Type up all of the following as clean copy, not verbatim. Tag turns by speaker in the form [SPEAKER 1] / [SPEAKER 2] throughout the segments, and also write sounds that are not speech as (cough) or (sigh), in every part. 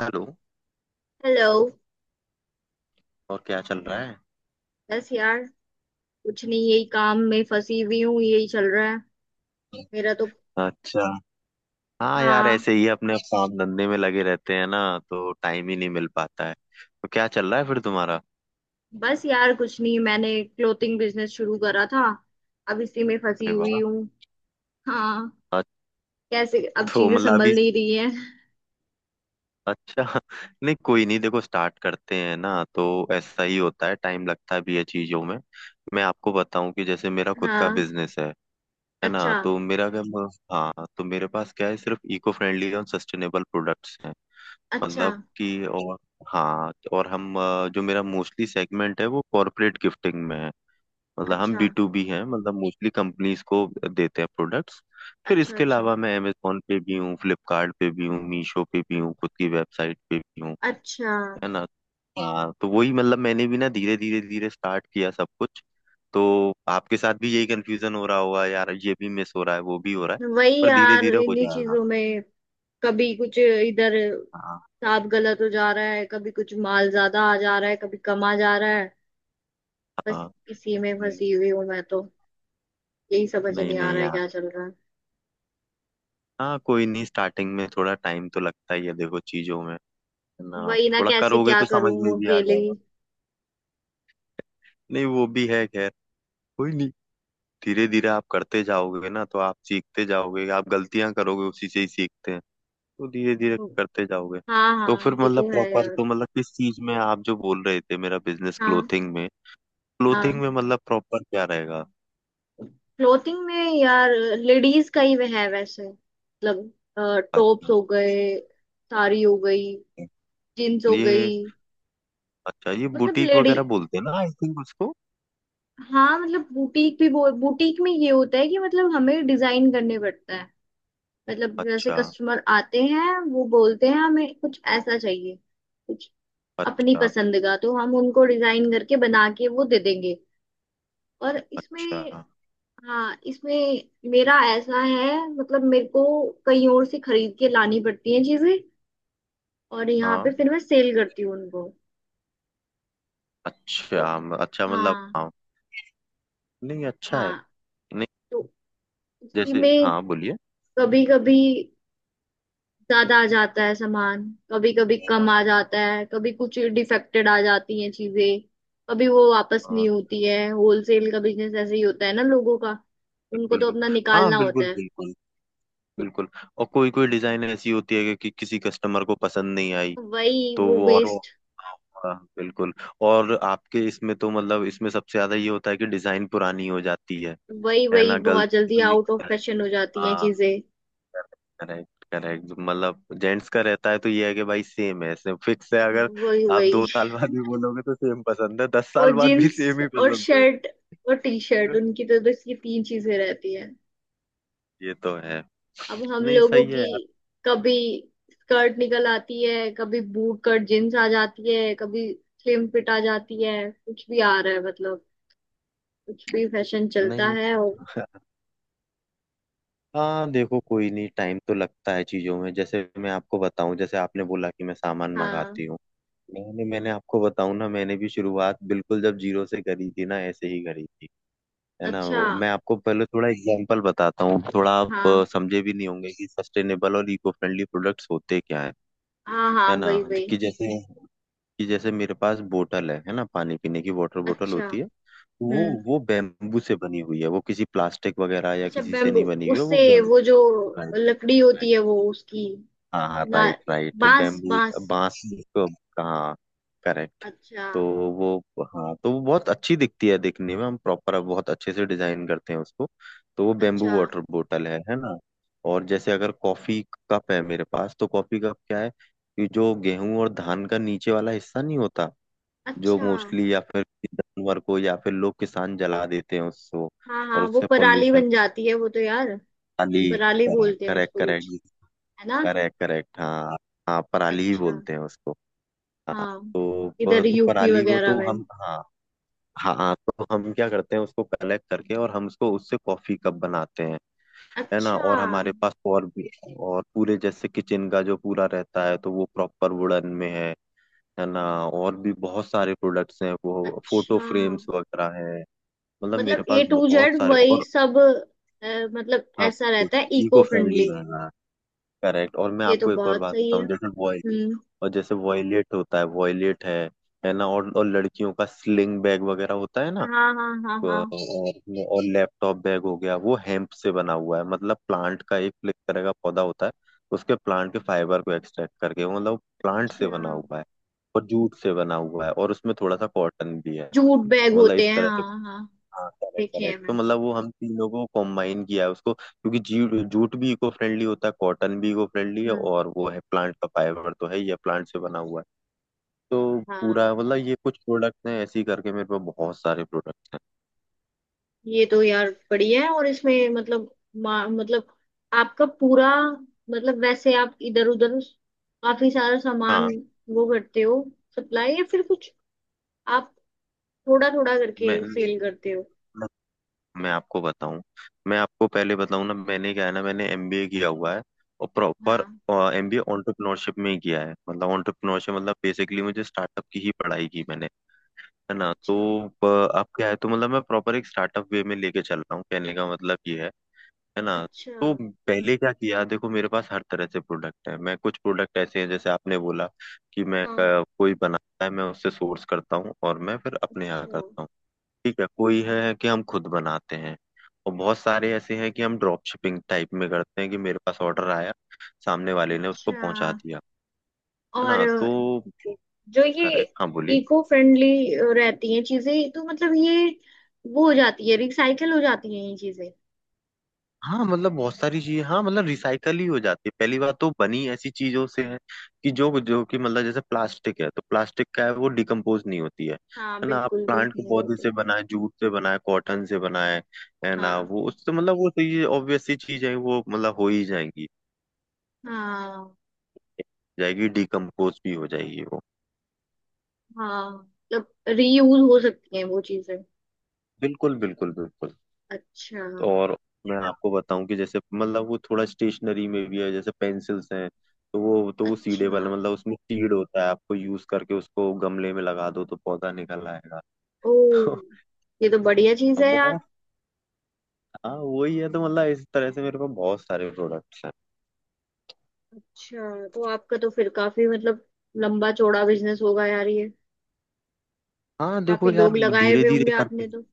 [SPEAKER 1] Hello.
[SPEAKER 2] Hello.
[SPEAKER 1] और क्या चल रहा है?
[SPEAKER 2] बस यार कुछ नहीं, यही काम में फंसी हुई हूँ, यही चल रहा है मेरा तो।
[SPEAKER 1] अच्छा। हाँ यार,
[SPEAKER 2] हाँ।
[SPEAKER 1] ऐसे ही अपने काम धंधे में लगे रहते हैं ना, तो टाइम ही नहीं मिल पाता है। तो क्या चल रहा है फिर तुम्हारा?
[SPEAKER 2] बस यार कुछ नहीं, मैंने क्लोथिंग बिजनेस शुरू करा था, अब इसी में फंसी
[SPEAKER 1] अरे
[SPEAKER 2] हुई
[SPEAKER 1] वाह!
[SPEAKER 2] हूँ। हाँ।
[SPEAKER 1] अच्छा,
[SPEAKER 2] कैसे अब
[SPEAKER 1] तो
[SPEAKER 2] चीजें
[SPEAKER 1] मतलब
[SPEAKER 2] संभल
[SPEAKER 1] अभी।
[SPEAKER 2] नहीं रही है।
[SPEAKER 1] अच्छा (laughs) नहीं कोई नहीं, देखो स्टार्ट करते हैं ना तो ऐसा ही होता है, टाइम लगता भी है चीजों में। मैं आपको बताऊं कि जैसे मेरा खुद का
[SPEAKER 2] हाँ।
[SPEAKER 1] बिजनेस है ना,
[SPEAKER 2] अच्छा।
[SPEAKER 1] तो मेरा क्या, हाँ तो मेरे पास क्या है, सिर्फ इको फ्रेंडली और सस्टेनेबल प्रोडक्ट्स हैं।
[SPEAKER 2] अच्छा।
[SPEAKER 1] मतलब कि और हाँ तो और हम जो मेरा मोस्टली सेगमेंट है वो कॉरपोरेट गिफ्टिंग में है। मतलब हम
[SPEAKER 2] अच्छा।
[SPEAKER 1] B2B हैं, मतलब मोस्टली कंपनीज को देते हैं प्रोडक्ट्स। फिर
[SPEAKER 2] अच्छा।
[SPEAKER 1] इसके
[SPEAKER 2] अच्छा।
[SPEAKER 1] अलावा मैं अमेजोन पे भी हूँ, फ्लिपकार्ट पे भी हूँ, मीशो पे भी हूँ, खुद की वेबसाइट पे भी हूँ,
[SPEAKER 2] अच्छा।
[SPEAKER 1] है ना। हाँ तो वही मतलब मैंने भी ना धीरे धीरे धीरे स्टार्ट किया सब कुछ। तो आपके साथ भी यही कंफ्यूजन हो रहा होगा यार, ये भी मिस हो रहा है वो भी हो रहा है,
[SPEAKER 2] वही
[SPEAKER 1] पर धीरे
[SPEAKER 2] यार,
[SPEAKER 1] धीरे हो
[SPEAKER 2] इन्हीं
[SPEAKER 1] जाएगा।
[SPEAKER 2] चीजों में कभी कुछ इधर
[SPEAKER 1] हाँ
[SPEAKER 2] साफ गलत हो जा रहा है, कभी कुछ माल ज्यादा आ जा रहा है, कभी कम आ जा रहा है। बस
[SPEAKER 1] हाँ।
[SPEAKER 2] इसी में फंसी हुई हूँ मैं तो। यही समझ
[SPEAKER 1] नहीं
[SPEAKER 2] नहीं आ
[SPEAKER 1] नहीं
[SPEAKER 2] रहा है
[SPEAKER 1] यार।
[SPEAKER 2] क्या चल रहा है।
[SPEAKER 1] हाँ कोई नहीं, स्टार्टिंग में थोड़ा टाइम तो लगता ही है देखो चीजों में, है ना,
[SPEAKER 2] वही ना,
[SPEAKER 1] थोड़ा
[SPEAKER 2] कैसे
[SPEAKER 1] करोगे
[SPEAKER 2] क्या
[SPEAKER 1] तो समझ में
[SPEAKER 2] करूँ
[SPEAKER 1] भी आ
[SPEAKER 2] अकेले
[SPEAKER 1] जाएगा।
[SPEAKER 2] ही।
[SPEAKER 1] नहीं वो भी है खैर, कोई नहीं। धीरे धीरे आप करते जाओगे ना तो आप सीखते जाओगे, आप गलतियां करोगे, उसी से ही सीखते हैं। तो धीरे धीरे करते जाओगे।
[SPEAKER 2] हाँ
[SPEAKER 1] तो
[SPEAKER 2] हाँ,
[SPEAKER 1] फिर
[SPEAKER 2] ये
[SPEAKER 1] मतलब
[SPEAKER 2] तो है
[SPEAKER 1] प्रॉपर तो
[SPEAKER 2] यार।
[SPEAKER 1] मतलब किस चीज में, आप जो बोल रहे थे मेरा बिजनेस
[SPEAKER 2] हाँ।
[SPEAKER 1] क्लोथिंग में। क्लोथिंग
[SPEAKER 2] हाँ।
[SPEAKER 1] में मतलब प्रॉपर क्या रहेगा?
[SPEAKER 2] क्लोथिंग में यार लेडीज का ही वह है वैसे, मतलब टॉप्स
[SPEAKER 1] अच्छा
[SPEAKER 2] हो गए, साड़ी हो गई, जीन्स हो गई।
[SPEAKER 1] ये, अच्छा ये
[SPEAKER 2] मतलब
[SPEAKER 1] बुटीक
[SPEAKER 2] लेडी।
[SPEAKER 1] वगैरह बोलते हैं ना आई थिंक उसको।
[SPEAKER 2] हाँ, मतलब बुटीक भी। बुटीक में ये होता है कि मतलब हमें डिजाइन करने पड़ता है। मतलब जैसे
[SPEAKER 1] अच्छा
[SPEAKER 2] कस्टमर आते हैं वो बोलते हैं हमें कुछ ऐसा चाहिए, कुछ अपनी
[SPEAKER 1] अच्छा
[SPEAKER 2] पसंद का, तो हम उनको डिजाइन करके बना के वो दे देंगे। और
[SPEAKER 1] अच्छा
[SPEAKER 2] इसमें। हाँ इसमें मेरा ऐसा है, मतलब मेरे को कहीं और से खरीद के लानी पड़ती हैं चीजें और यहाँ पे
[SPEAKER 1] हाँ।
[SPEAKER 2] फिर मैं सेल करती हूँ उनको। तो।
[SPEAKER 1] अच्छा अच्छा मतलब
[SPEAKER 2] हाँ।
[SPEAKER 1] हाँ। नहीं अच्छा है।
[SPEAKER 2] हाँ।
[SPEAKER 1] नहीं,
[SPEAKER 2] तो उसी
[SPEAKER 1] जैसे
[SPEAKER 2] में
[SPEAKER 1] हाँ बोलिए।
[SPEAKER 2] कभी कभी ज्यादा आ जाता है सामान, कभी कभी कम आ
[SPEAKER 1] हाँ,
[SPEAKER 2] जाता है, कभी कुछ डिफेक्टेड आ जाती हैं चीजें। कभी वो वापस
[SPEAKER 1] हाँ,
[SPEAKER 2] नहीं होती है, होलसेल का बिजनेस ऐसे ही होता है ना लोगों का। उनको
[SPEAKER 1] बिल्कुल
[SPEAKER 2] तो
[SPEAKER 1] बिल्कुल।
[SPEAKER 2] अपना
[SPEAKER 1] हाँ
[SPEAKER 2] निकालना होता
[SPEAKER 1] बिल्कुल
[SPEAKER 2] है।
[SPEAKER 1] बिल्कुल बिल्कुल। और कोई कोई डिजाइन ऐसी होती है कि किसी कस्टमर को पसंद नहीं आई,
[SPEAKER 2] वही।
[SPEAKER 1] तो
[SPEAKER 2] वो
[SPEAKER 1] वो और वो,
[SPEAKER 2] वेस्ट।
[SPEAKER 1] हाँ बिल्कुल। और आपके इसमें तो मतलब इसमें सबसे ज्यादा ये होता है कि डिजाइन पुरानी हो जाती है
[SPEAKER 2] वही
[SPEAKER 1] है
[SPEAKER 2] वही,
[SPEAKER 1] ना,
[SPEAKER 2] बहुत
[SPEAKER 1] गलती
[SPEAKER 2] जल्दी
[SPEAKER 1] भी ये
[SPEAKER 2] आउट ऑफ
[SPEAKER 1] होता
[SPEAKER 2] फैशन हो जाती हैं
[SPEAKER 1] है।
[SPEAKER 2] चीजें।
[SPEAKER 1] Correct correct. मतलब जेंट्स का रहता है तो ये है कि भाई सेम है, सेम फिक्स है, अगर
[SPEAKER 2] वही
[SPEAKER 1] आप दो
[SPEAKER 2] वही।
[SPEAKER 1] साल बाद भी बोलोगे तो सेम पसंद है, दस
[SPEAKER 2] वो
[SPEAKER 1] साल बाद भी
[SPEAKER 2] जीन्स
[SPEAKER 1] सेम ही
[SPEAKER 2] और
[SPEAKER 1] पसंद
[SPEAKER 2] शर्ट और टी शर्ट,
[SPEAKER 1] है।
[SPEAKER 2] उनकी तो बस ये तीन चीजें रहती हैं।
[SPEAKER 1] ये तो है।
[SPEAKER 2] अब हम
[SPEAKER 1] नहीं
[SPEAKER 2] लोगों
[SPEAKER 1] सही है
[SPEAKER 2] की
[SPEAKER 1] यार।
[SPEAKER 2] कभी स्कर्ट निकल आती है, कभी बूट कट जींस आ जाती है, कभी स्लिम फिट आ जाती है, कुछ भी आ रहा है, मतलब कुछ भी फैशन चलता
[SPEAKER 1] नहीं।
[SPEAKER 2] है। और
[SPEAKER 1] हाँ देखो कोई नहीं, टाइम तो लगता है चीजों में। जैसे मैं आपको बताऊं, जैसे आपने बोला कि मैं सामान
[SPEAKER 2] हाँ।
[SPEAKER 1] मंगाती हूँ, मैंने मैंने आपको बताऊं ना, मैंने भी शुरुआत बिल्कुल जब जीरो से करी थी ना, ऐसे ही करी थी। है ना
[SPEAKER 2] अच्छा।
[SPEAKER 1] मैं आपको पहले थोड़ा एग्जांपल बताता हूँ। थोड़ा आप
[SPEAKER 2] हाँ
[SPEAKER 1] समझे भी नहीं होंगे कि सस्टेनेबल और इको फ्रेंडली प्रोडक्ट्स होते क्या है
[SPEAKER 2] हाँ हाँ
[SPEAKER 1] है ना।
[SPEAKER 2] वही वही।
[SPEAKER 1] कि जैसे, कि जैसे मेरे पास बोतल है ना, पानी पीने की वाटर बोतल
[SPEAKER 2] अच्छा।
[SPEAKER 1] होती है। वो
[SPEAKER 2] हम्म।
[SPEAKER 1] वो बेम्बू से बनी हुई है, वो किसी प्लास्टिक वगैरह या
[SPEAKER 2] अच्छा
[SPEAKER 1] किसी से
[SPEAKER 2] बेम्बू,
[SPEAKER 1] नहीं बनी हुई है
[SPEAKER 2] उससे
[SPEAKER 1] वो।
[SPEAKER 2] वो जो
[SPEAKER 1] बेम्बू।
[SPEAKER 2] लकड़ी होती है वो उसकी
[SPEAKER 1] हाँ हाँ
[SPEAKER 2] ना।
[SPEAKER 1] राइट राइट,
[SPEAKER 2] बांस।
[SPEAKER 1] बैम्बू
[SPEAKER 2] बांस।
[SPEAKER 1] बांस को। हाँ करेक्ट।
[SPEAKER 2] अच्छा।
[SPEAKER 1] तो वो, हाँ तो वो बहुत अच्छी दिखती है, दिखने में हम प्रॉपर बहुत अच्छे से डिजाइन करते हैं उसको। तो वो बेम्बू
[SPEAKER 2] अच्छा।
[SPEAKER 1] वाटर बोतल है ना। और जैसे अगर कॉफी कप है मेरे पास तो कॉफी कप क्या है, कि जो गेहूं और धान का नीचे वाला हिस्सा नहीं होता, जो
[SPEAKER 2] अच्छा।
[SPEAKER 1] मोस्टली या फिर जानवर को या फिर लोग किसान जला देते हैं उसको,
[SPEAKER 2] हाँ
[SPEAKER 1] और
[SPEAKER 2] हाँ, वो
[SPEAKER 1] उससे
[SPEAKER 2] पराली
[SPEAKER 1] पॉल्यूशन,
[SPEAKER 2] बन जाती है वो तो यार।
[SPEAKER 1] खाली।
[SPEAKER 2] पराली
[SPEAKER 1] करेक्ट
[SPEAKER 2] बोलते हैं
[SPEAKER 1] करेक्ट
[SPEAKER 2] उसको कुछ।
[SPEAKER 1] करेक्ट।
[SPEAKER 2] है ना।
[SPEAKER 1] करेक्ट करेक्ट हाँ। हाँ पराली ही
[SPEAKER 2] अच्छा।
[SPEAKER 1] बोलते हैं उसको। हाँ
[SPEAKER 2] हाँ।
[SPEAKER 1] तो वह,
[SPEAKER 2] इधर
[SPEAKER 1] तो
[SPEAKER 2] UP
[SPEAKER 1] पराली को
[SPEAKER 2] वगैरह
[SPEAKER 1] तो
[SPEAKER 2] में।
[SPEAKER 1] हम हाँ। हाँ हाँ, तो हम क्या करते हैं उसको कलेक्ट करके, और हम उसको उससे कॉफी कप बनाते हैं, है ना।
[SPEAKER 2] अच्छा।
[SPEAKER 1] और हमारे पास और भी, और पूरे जैसे किचन का जो पूरा रहता है तो वो प्रॉपर वुडन में है ना। और भी बहुत सारे प्रोडक्ट्स हैं, वो फोटो
[SPEAKER 2] अच्छा।
[SPEAKER 1] फ्रेम्स वगैरह हैं। मतलब मेरे
[SPEAKER 2] मतलब
[SPEAKER 1] पास
[SPEAKER 2] ए टू
[SPEAKER 1] बहुत
[SPEAKER 2] जेड
[SPEAKER 1] सारे
[SPEAKER 2] वही
[SPEAKER 1] और
[SPEAKER 2] सब। अ, मतलब
[SPEAKER 1] सब
[SPEAKER 2] ऐसा रहता है
[SPEAKER 1] इको
[SPEAKER 2] इको
[SPEAKER 1] फ्रेंडली
[SPEAKER 2] फ्रेंडली।
[SPEAKER 1] रहना है। करेक्ट। और मैं
[SPEAKER 2] ये तो
[SPEAKER 1] आपको एक और
[SPEAKER 2] बहुत
[SPEAKER 1] बात
[SPEAKER 2] सही है।
[SPEAKER 1] बताऊं, जैसे वो,
[SPEAKER 2] हम्म।
[SPEAKER 1] और जैसे वॉयलेट होता है वॉयलेट है ना, और लड़कियों का स्लिंग बैग वगैरह होता है ना।
[SPEAKER 2] हाँ हाँ हाँ हाँ।
[SPEAKER 1] और लैपटॉप बैग हो गया, वो हेम्प से बना हुआ है, मतलब प्लांट का एक एक तरह का पौधा होता है। उसके प्लांट के फाइबर को एक्सट्रैक्ट करके, मतलब प्लांट से बना
[SPEAKER 2] अच्छा।
[SPEAKER 1] हुआ है, और जूट से बना हुआ है, और उसमें थोड़ा सा कॉटन भी है।
[SPEAKER 2] जूट बैग
[SPEAKER 1] तो मतलब
[SPEAKER 2] होते
[SPEAKER 1] इस
[SPEAKER 2] हैं
[SPEAKER 1] तरह से,
[SPEAKER 2] हाँ हाँ।
[SPEAKER 1] हाँ करेक्ट
[SPEAKER 2] देखे हैं
[SPEAKER 1] करेक्ट। तो
[SPEAKER 2] मैंने।
[SPEAKER 1] मतलब वो हम तीनों को कॉम्बाइन किया है उसको, क्योंकि जूट जूट भी इको फ्रेंडली होता है, कॉटन भी इको फ्रेंडली है,
[SPEAKER 2] हम्म।
[SPEAKER 1] और वो है प्लांट का फाइबर तो है ही है, प्लांट से बना हुआ है। तो
[SPEAKER 2] हाँ,
[SPEAKER 1] पूरा मतलब ये कुछ प्रोडक्ट्स हैं, ऐसे ही करके मेरे पास बहुत सारे प्रोडक्ट्स हैं।
[SPEAKER 2] ये तो यार बढ़िया है। और इसमें मतलब मतलब आपका पूरा, मतलब वैसे आप इधर उधर काफी सारा सामान
[SPEAKER 1] हाँ।
[SPEAKER 2] वो करते हो, सप्लाई या फिर कुछ, आप थोड़ा थोड़ा
[SPEAKER 1] मैं
[SPEAKER 2] करके
[SPEAKER 1] मैं
[SPEAKER 2] सेल करते हो।
[SPEAKER 1] मैं आपको बताऊं, मैं आपको पहले बताऊं ना, मैंने क्या है ना मैंने एमबीए किया हुआ है, और प्रॉपर
[SPEAKER 2] हाँ।
[SPEAKER 1] एमबीए एंटरप्रेन्योरशिप में ही किया है, मतलब एंटरप्रेन्योरशिप मतलब बेसिकली मुझे स्टार्टअप की ही पढ़ाई की मैंने, है ना तो,
[SPEAKER 2] अच्छा।
[SPEAKER 1] अ, अब क्या है, तो मतलब मैं प्रॉपर एक स्टार्टअप वे में लेके चल रहा हूँ, कहने का मतलब ये है ना।
[SPEAKER 2] अच्छा।
[SPEAKER 1] तो पहले क्या किया, देखो मेरे पास हर तरह से प्रोडक्ट है, मैं कुछ प्रोडक्ट ऐसे हैं जैसे आपने बोला कि मैं
[SPEAKER 2] हाँ।
[SPEAKER 1] कोई बनाता है, मैं उससे सोर्स करता हूँ और मैं फिर अपने यहाँ
[SPEAKER 2] अच्छा।
[SPEAKER 1] करता हूँ। ठीक है, कोई है कि हम खुद बनाते हैं, और बहुत सारे ऐसे हैं कि हम ड्रॉप शिपिंग टाइप में करते हैं कि मेरे पास ऑर्डर आया, सामने वाले ने उसको
[SPEAKER 2] अच्छा।
[SPEAKER 1] पहुंचा दिया, है ना
[SPEAKER 2] और
[SPEAKER 1] तो,
[SPEAKER 2] जो ये
[SPEAKER 1] करेक्ट हाँ बोलिए।
[SPEAKER 2] इको फ्रेंडली रहती हैं चीजें, तो मतलब ये वो हो जाती है, रिसाइकल हो जाती हैं ये चीजें।
[SPEAKER 1] हाँ मतलब बहुत सारी चीजें, हाँ मतलब रिसाइकल ही हो जाती है, पहली बात तो बनी ऐसी चीजों से है कि जो जो कि मतलब जैसे प्लास्टिक है, तो प्लास्टिक का है वो डिकम्पोज नहीं होती है
[SPEAKER 2] हाँ,
[SPEAKER 1] है ना, आप
[SPEAKER 2] बिल्कुल भी
[SPEAKER 1] प्लांट के
[SPEAKER 2] नहीं
[SPEAKER 1] पौधे
[SPEAKER 2] होती।
[SPEAKER 1] से बनाए, जूट से बनाए, कॉटन से बनाए, है ना
[SPEAKER 2] हाँ।
[SPEAKER 1] वो उससे मतलब वो तो ये ऑब्वियस सी चीज है वो मतलब हो ही जाएगी,
[SPEAKER 2] हाँ।
[SPEAKER 1] जाएगी, डिकम्पोज भी हो जाएगी वो।
[SPEAKER 2] हाँ मतलब रीयूज हो सकती हैं वो चीजें।
[SPEAKER 1] बिल्कुल बिल्कुल बिल्कुल।
[SPEAKER 2] अच्छा।
[SPEAKER 1] और मैं आपको बताऊं कि जैसे मतलब वो थोड़ा स्टेशनरी में भी है, जैसे पेंसिल्स हैं, तो वो सीडे
[SPEAKER 2] अच्छा।
[SPEAKER 1] वाला, मतलब उसमें सीड होता है, आपको यूज करके उसको गमले में लगा दो तो पौधा निकल आएगा।
[SPEAKER 2] ओ,
[SPEAKER 1] (laughs)
[SPEAKER 2] ये तो बढ़िया चीज
[SPEAKER 1] तो
[SPEAKER 2] है यार।
[SPEAKER 1] बहुत, हाँ वही है तो मतलब इस तरह से मेरे पास बहुत सारे प्रोडक्ट्स हैं।
[SPEAKER 2] अच्छा, तो आपका तो फिर काफी मतलब लंबा चौड़ा बिजनेस होगा यार ये।
[SPEAKER 1] हाँ देखो
[SPEAKER 2] काफी
[SPEAKER 1] यार
[SPEAKER 2] लोग लगाए
[SPEAKER 1] धीरे
[SPEAKER 2] हुए
[SPEAKER 1] धीरे
[SPEAKER 2] होंगे
[SPEAKER 1] करके।
[SPEAKER 2] आपने तो।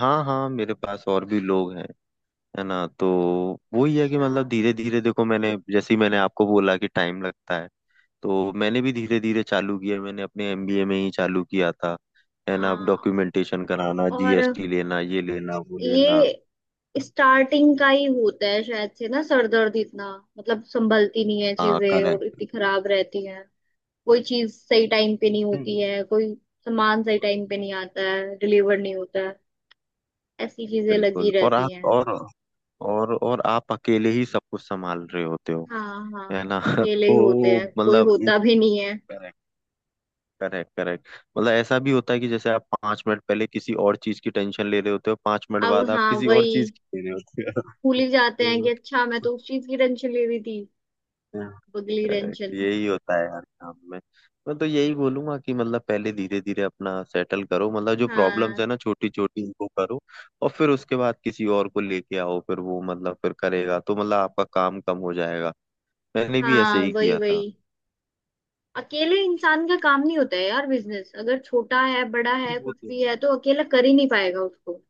[SPEAKER 1] हाँ हाँ मेरे पास और भी लोग हैं, है ना तो वही है कि
[SPEAKER 2] अच्छा।
[SPEAKER 1] मतलब धीरे धीरे देखो, मैंने जैसे ही मैंने आपको बोला कि टाइम लगता है तो मैंने भी धीरे धीरे चालू किया, मैंने अपने एमबीए में ही चालू किया था, है ना। अब
[SPEAKER 2] हाँ।
[SPEAKER 1] डॉक्यूमेंटेशन कराना,
[SPEAKER 2] और
[SPEAKER 1] जीएसटी लेना, ये लेना वो लेना।
[SPEAKER 2] ये स्टार्टिंग का ही होता है शायद से ना, सरदर्द इतना। मतलब संभलती नहीं है
[SPEAKER 1] हाँ
[SPEAKER 2] चीजें और
[SPEAKER 1] करेक्ट।
[SPEAKER 2] इतनी खराब रहती, कोई चीज सही टाइम पे नहीं होती है, कोई सामान सही टाइम पे नहीं आता है, डिलीवर नहीं होता है, ऐसी चीजें लगी
[SPEAKER 1] बिल्कुल,
[SPEAKER 2] रहती हैं।
[SPEAKER 1] और आप अकेले ही सब कुछ संभाल रहे होते हो,
[SPEAKER 2] हाँ हाँ,
[SPEAKER 1] है ना (laughs)
[SPEAKER 2] अकेले ही होते
[SPEAKER 1] तो
[SPEAKER 2] हैं, कोई
[SPEAKER 1] मतलब,
[SPEAKER 2] होता भी नहीं है।
[SPEAKER 1] Correct correct correct. मतलब ऐसा भी होता है कि जैसे आप 5 मिनट पहले किसी और चीज की टेंशन ले रहे होते हो, 5 मिनट
[SPEAKER 2] अब
[SPEAKER 1] बाद आप
[SPEAKER 2] हाँ
[SPEAKER 1] किसी और
[SPEAKER 2] वही,
[SPEAKER 1] चीज की ले रहे
[SPEAKER 2] भूल
[SPEAKER 1] होते
[SPEAKER 2] ही जाते हैं कि
[SPEAKER 1] हो।
[SPEAKER 2] अच्छा, मैं तो
[SPEAKER 1] (laughs)
[SPEAKER 2] उस चीज की टेंशन ले रही थी।
[SPEAKER 1] तो
[SPEAKER 2] अगली
[SPEAKER 1] करेक्ट,
[SPEAKER 2] टेंशन।
[SPEAKER 1] यही होता है यार काम में। मैं तो यही बोलूंगा कि मतलब पहले धीरे धीरे अपना सेटल करो, मतलब जो प्रॉब्लम्स
[SPEAKER 2] हाँ
[SPEAKER 1] है ना छोटी छोटी इनको करो, और फिर उसके बाद किसी और को लेके आओ, फिर वो मतलब फिर करेगा तो मतलब आपका काम कम हो जाएगा, मैंने भी ऐसे
[SPEAKER 2] हाँ
[SPEAKER 1] ही
[SPEAKER 2] वही
[SPEAKER 1] किया
[SPEAKER 2] वही।
[SPEAKER 1] था।
[SPEAKER 2] अकेले इंसान का काम नहीं होता है यार, बिजनेस अगर छोटा है बड़ा
[SPEAKER 1] नहीं,
[SPEAKER 2] है
[SPEAKER 1] वो
[SPEAKER 2] कुछ
[SPEAKER 1] तो
[SPEAKER 2] भी
[SPEAKER 1] है।
[SPEAKER 2] है, तो अकेला कर ही नहीं पाएगा उसको।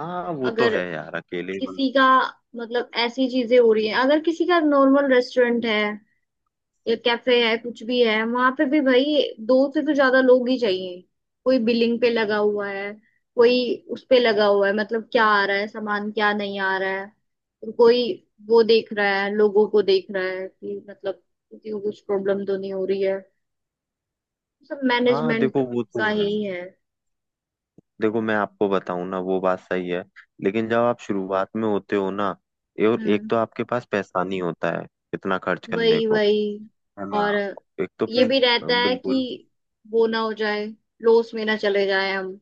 [SPEAKER 1] हाँ वो तो
[SPEAKER 2] अगर
[SPEAKER 1] है यार अकेले मतलब।
[SPEAKER 2] किसी का, मतलब ऐसी चीजें हो रही है, अगर किसी का नॉर्मल रेस्टोरेंट है या कैफे है कुछ भी है, वहां पे भी भाई दो से तो ज्यादा लोग ही चाहिए। कोई बिलिंग पे लगा हुआ है, कोई उस पे लगा हुआ है, मतलब क्या आ रहा है सामान क्या नहीं आ रहा है, और कोई वो देख रहा है, लोगों को देख रहा है कि मतलब किसी को कुछ प्रॉब्लम तो नहीं हो रही है। सब
[SPEAKER 1] हाँ
[SPEAKER 2] मैनेजमेंट
[SPEAKER 1] देखो वो तो
[SPEAKER 2] का ही
[SPEAKER 1] है,
[SPEAKER 2] है।
[SPEAKER 1] देखो मैं आपको बताऊं ना वो बात सही है, लेकिन जब आप शुरुआत में होते हो ना, और एक
[SPEAKER 2] हम्म।
[SPEAKER 1] तो आपके पास पैसा नहीं होता है इतना खर्च करने
[SPEAKER 2] वही
[SPEAKER 1] को,
[SPEAKER 2] वही।
[SPEAKER 1] है ना,
[SPEAKER 2] और
[SPEAKER 1] एक तो
[SPEAKER 2] ये भी
[SPEAKER 1] जैसे
[SPEAKER 2] रहता है
[SPEAKER 1] बिल्कुल,
[SPEAKER 2] कि वो ना हो जाए, लॉस में ना चले जाए हम।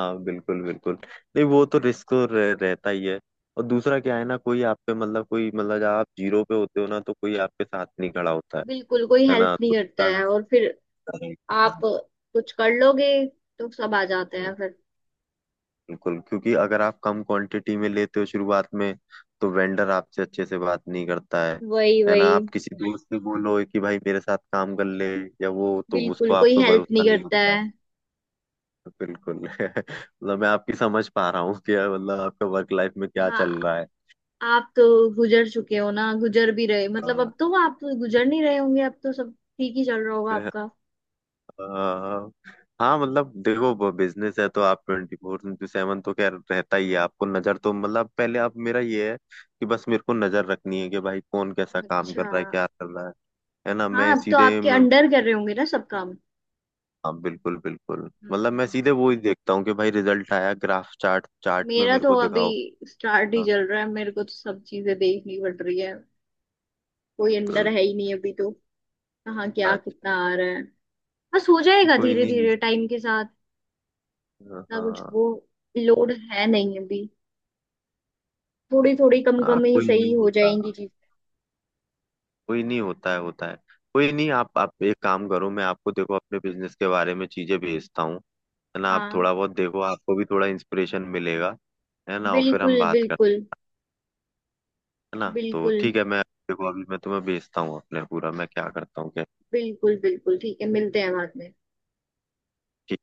[SPEAKER 1] हाँ बिल्कुल बिल्कुल। नहीं वो तो रिस्क तो रहता ही है। और दूसरा क्या है ना, कोई आप पे मतलब कोई मतलब जब आप जीरो पे होते हो ना तो कोई आपके साथ नहीं खड़ा होता है
[SPEAKER 2] बिल्कुल, कोई
[SPEAKER 1] है
[SPEAKER 2] हेल्प
[SPEAKER 1] ना
[SPEAKER 2] नहीं
[SPEAKER 1] तो
[SPEAKER 2] करता है
[SPEAKER 1] अगर-
[SPEAKER 2] और फिर आप कुछ कर लोगे तो सब आ जाते
[SPEAKER 1] हम्म,
[SPEAKER 2] हैं फिर।
[SPEAKER 1] बिल्कुल, क्योंकि अगर आप कम क्वांटिटी में लेते हो शुरुआत में तो वेंडर आपसे अच्छे से बात नहीं करता है
[SPEAKER 2] वही
[SPEAKER 1] है
[SPEAKER 2] वही।
[SPEAKER 1] ना, आप किसी दोस्त से बोलो कि भाई मेरे साथ काम कर ले या वो, तो
[SPEAKER 2] बिल्कुल,
[SPEAKER 1] उसको आप
[SPEAKER 2] कोई
[SPEAKER 1] पे
[SPEAKER 2] हेल्प
[SPEAKER 1] भरोसा
[SPEAKER 2] नहीं
[SPEAKER 1] नहीं
[SPEAKER 2] करता
[SPEAKER 1] होता
[SPEAKER 2] है।
[SPEAKER 1] है। बिल्कुल (laughs) मतलब मैं आपकी समझ पा रहा हूँ कि मतलब आपका वर्क लाइफ में क्या चल
[SPEAKER 2] हाँ।
[SPEAKER 1] रहा है।
[SPEAKER 2] आप तो गुजर चुके हो ना, गुजर भी रहे, मतलब अब
[SPEAKER 1] हाँ
[SPEAKER 2] तो आप गुजर नहीं रहे होंगे, अब तो सब ठीक ही चल रहा होगा आपका।
[SPEAKER 1] अ, हाँ मतलब देखो बिजनेस है तो आप 24/7 तो खैर रहता ही है, आपको नजर तो मतलब पहले आप मेरा ये है कि बस मेरे को नजर रखनी है कि भाई कौन कैसा काम
[SPEAKER 2] अच्छा।
[SPEAKER 1] कर रहा है क्या कर रहा है ना।
[SPEAKER 2] हाँ,
[SPEAKER 1] मैं
[SPEAKER 2] अब तो
[SPEAKER 1] सीधे
[SPEAKER 2] आपके
[SPEAKER 1] मैं,
[SPEAKER 2] अंडर कर रहे होंगे ना सब काम।
[SPEAKER 1] हाँ बिल्कुल बिल्कुल। मतलब
[SPEAKER 2] हम्म।
[SPEAKER 1] मैं सीधे वो ही देखता हूँ कि भाई रिजल्ट आया, ग्राफ, चार्ट चार्ट में
[SPEAKER 2] मेरा
[SPEAKER 1] मेरे
[SPEAKER 2] तो
[SPEAKER 1] को
[SPEAKER 2] अभी
[SPEAKER 1] दिखाओ।
[SPEAKER 2] स्टार्ट ही
[SPEAKER 1] हाँ
[SPEAKER 2] चल रहा है, मेरे को तो सब चीजें देखनी पड़ रही है, कोई अंडर
[SPEAKER 1] बिल्कुल।
[SPEAKER 2] है ही नहीं अभी तो। कहाँ क्या
[SPEAKER 1] अच्छा
[SPEAKER 2] कितना आ रहा है, बस हो जाएगा
[SPEAKER 1] कोई
[SPEAKER 2] धीरे
[SPEAKER 1] नहीं।
[SPEAKER 2] धीरे टाइम के साथ। ना, कुछ
[SPEAKER 1] हाँ
[SPEAKER 2] वो लोड है नहीं अभी, थोड़ी थोड़ी कम
[SPEAKER 1] हाँ
[SPEAKER 2] कम ही
[SPEAKER 1] कोई नहीं
[SPEAKER 2] सही हो
[SPEAKER 1] होता,
[SPEAKER 2] जाएंगी चीजें।
[SPEAKER 1] कोई नहीं होता है होता है। कोई नहीं, आप आप एक काम करो, मैं आपको देखो अपने बिजनेस के बारे में चीजें भेजता हूँ, है ना, आप
[SPEAKER 2] हाँ
[SPEAKER 1] थोड़ा बहुत देखो, आपको भी थोड़ा इंस्पिरेशन मिलेगा, है ना और फिर
[SPEAKER 2] बिल्कुल
[SPEAKER 1] हम बात करते
[SPEAKER 2] बिल्कुल
[SPEAKER 1] हैं ना, तो
[SPEAKER 2] बिल्कुल
[SPEAKER 1] ठीक है मैं देखो अभी मैं तुम्हें भेजता हूँ, अपने पूरा मैं क्या करता हूँ क्या।
[SPEAKER 2] बिल्कुल। बिल्कुल ठीक है, मिलते हैं बाद में।
[SPEAKER 1] ठीक।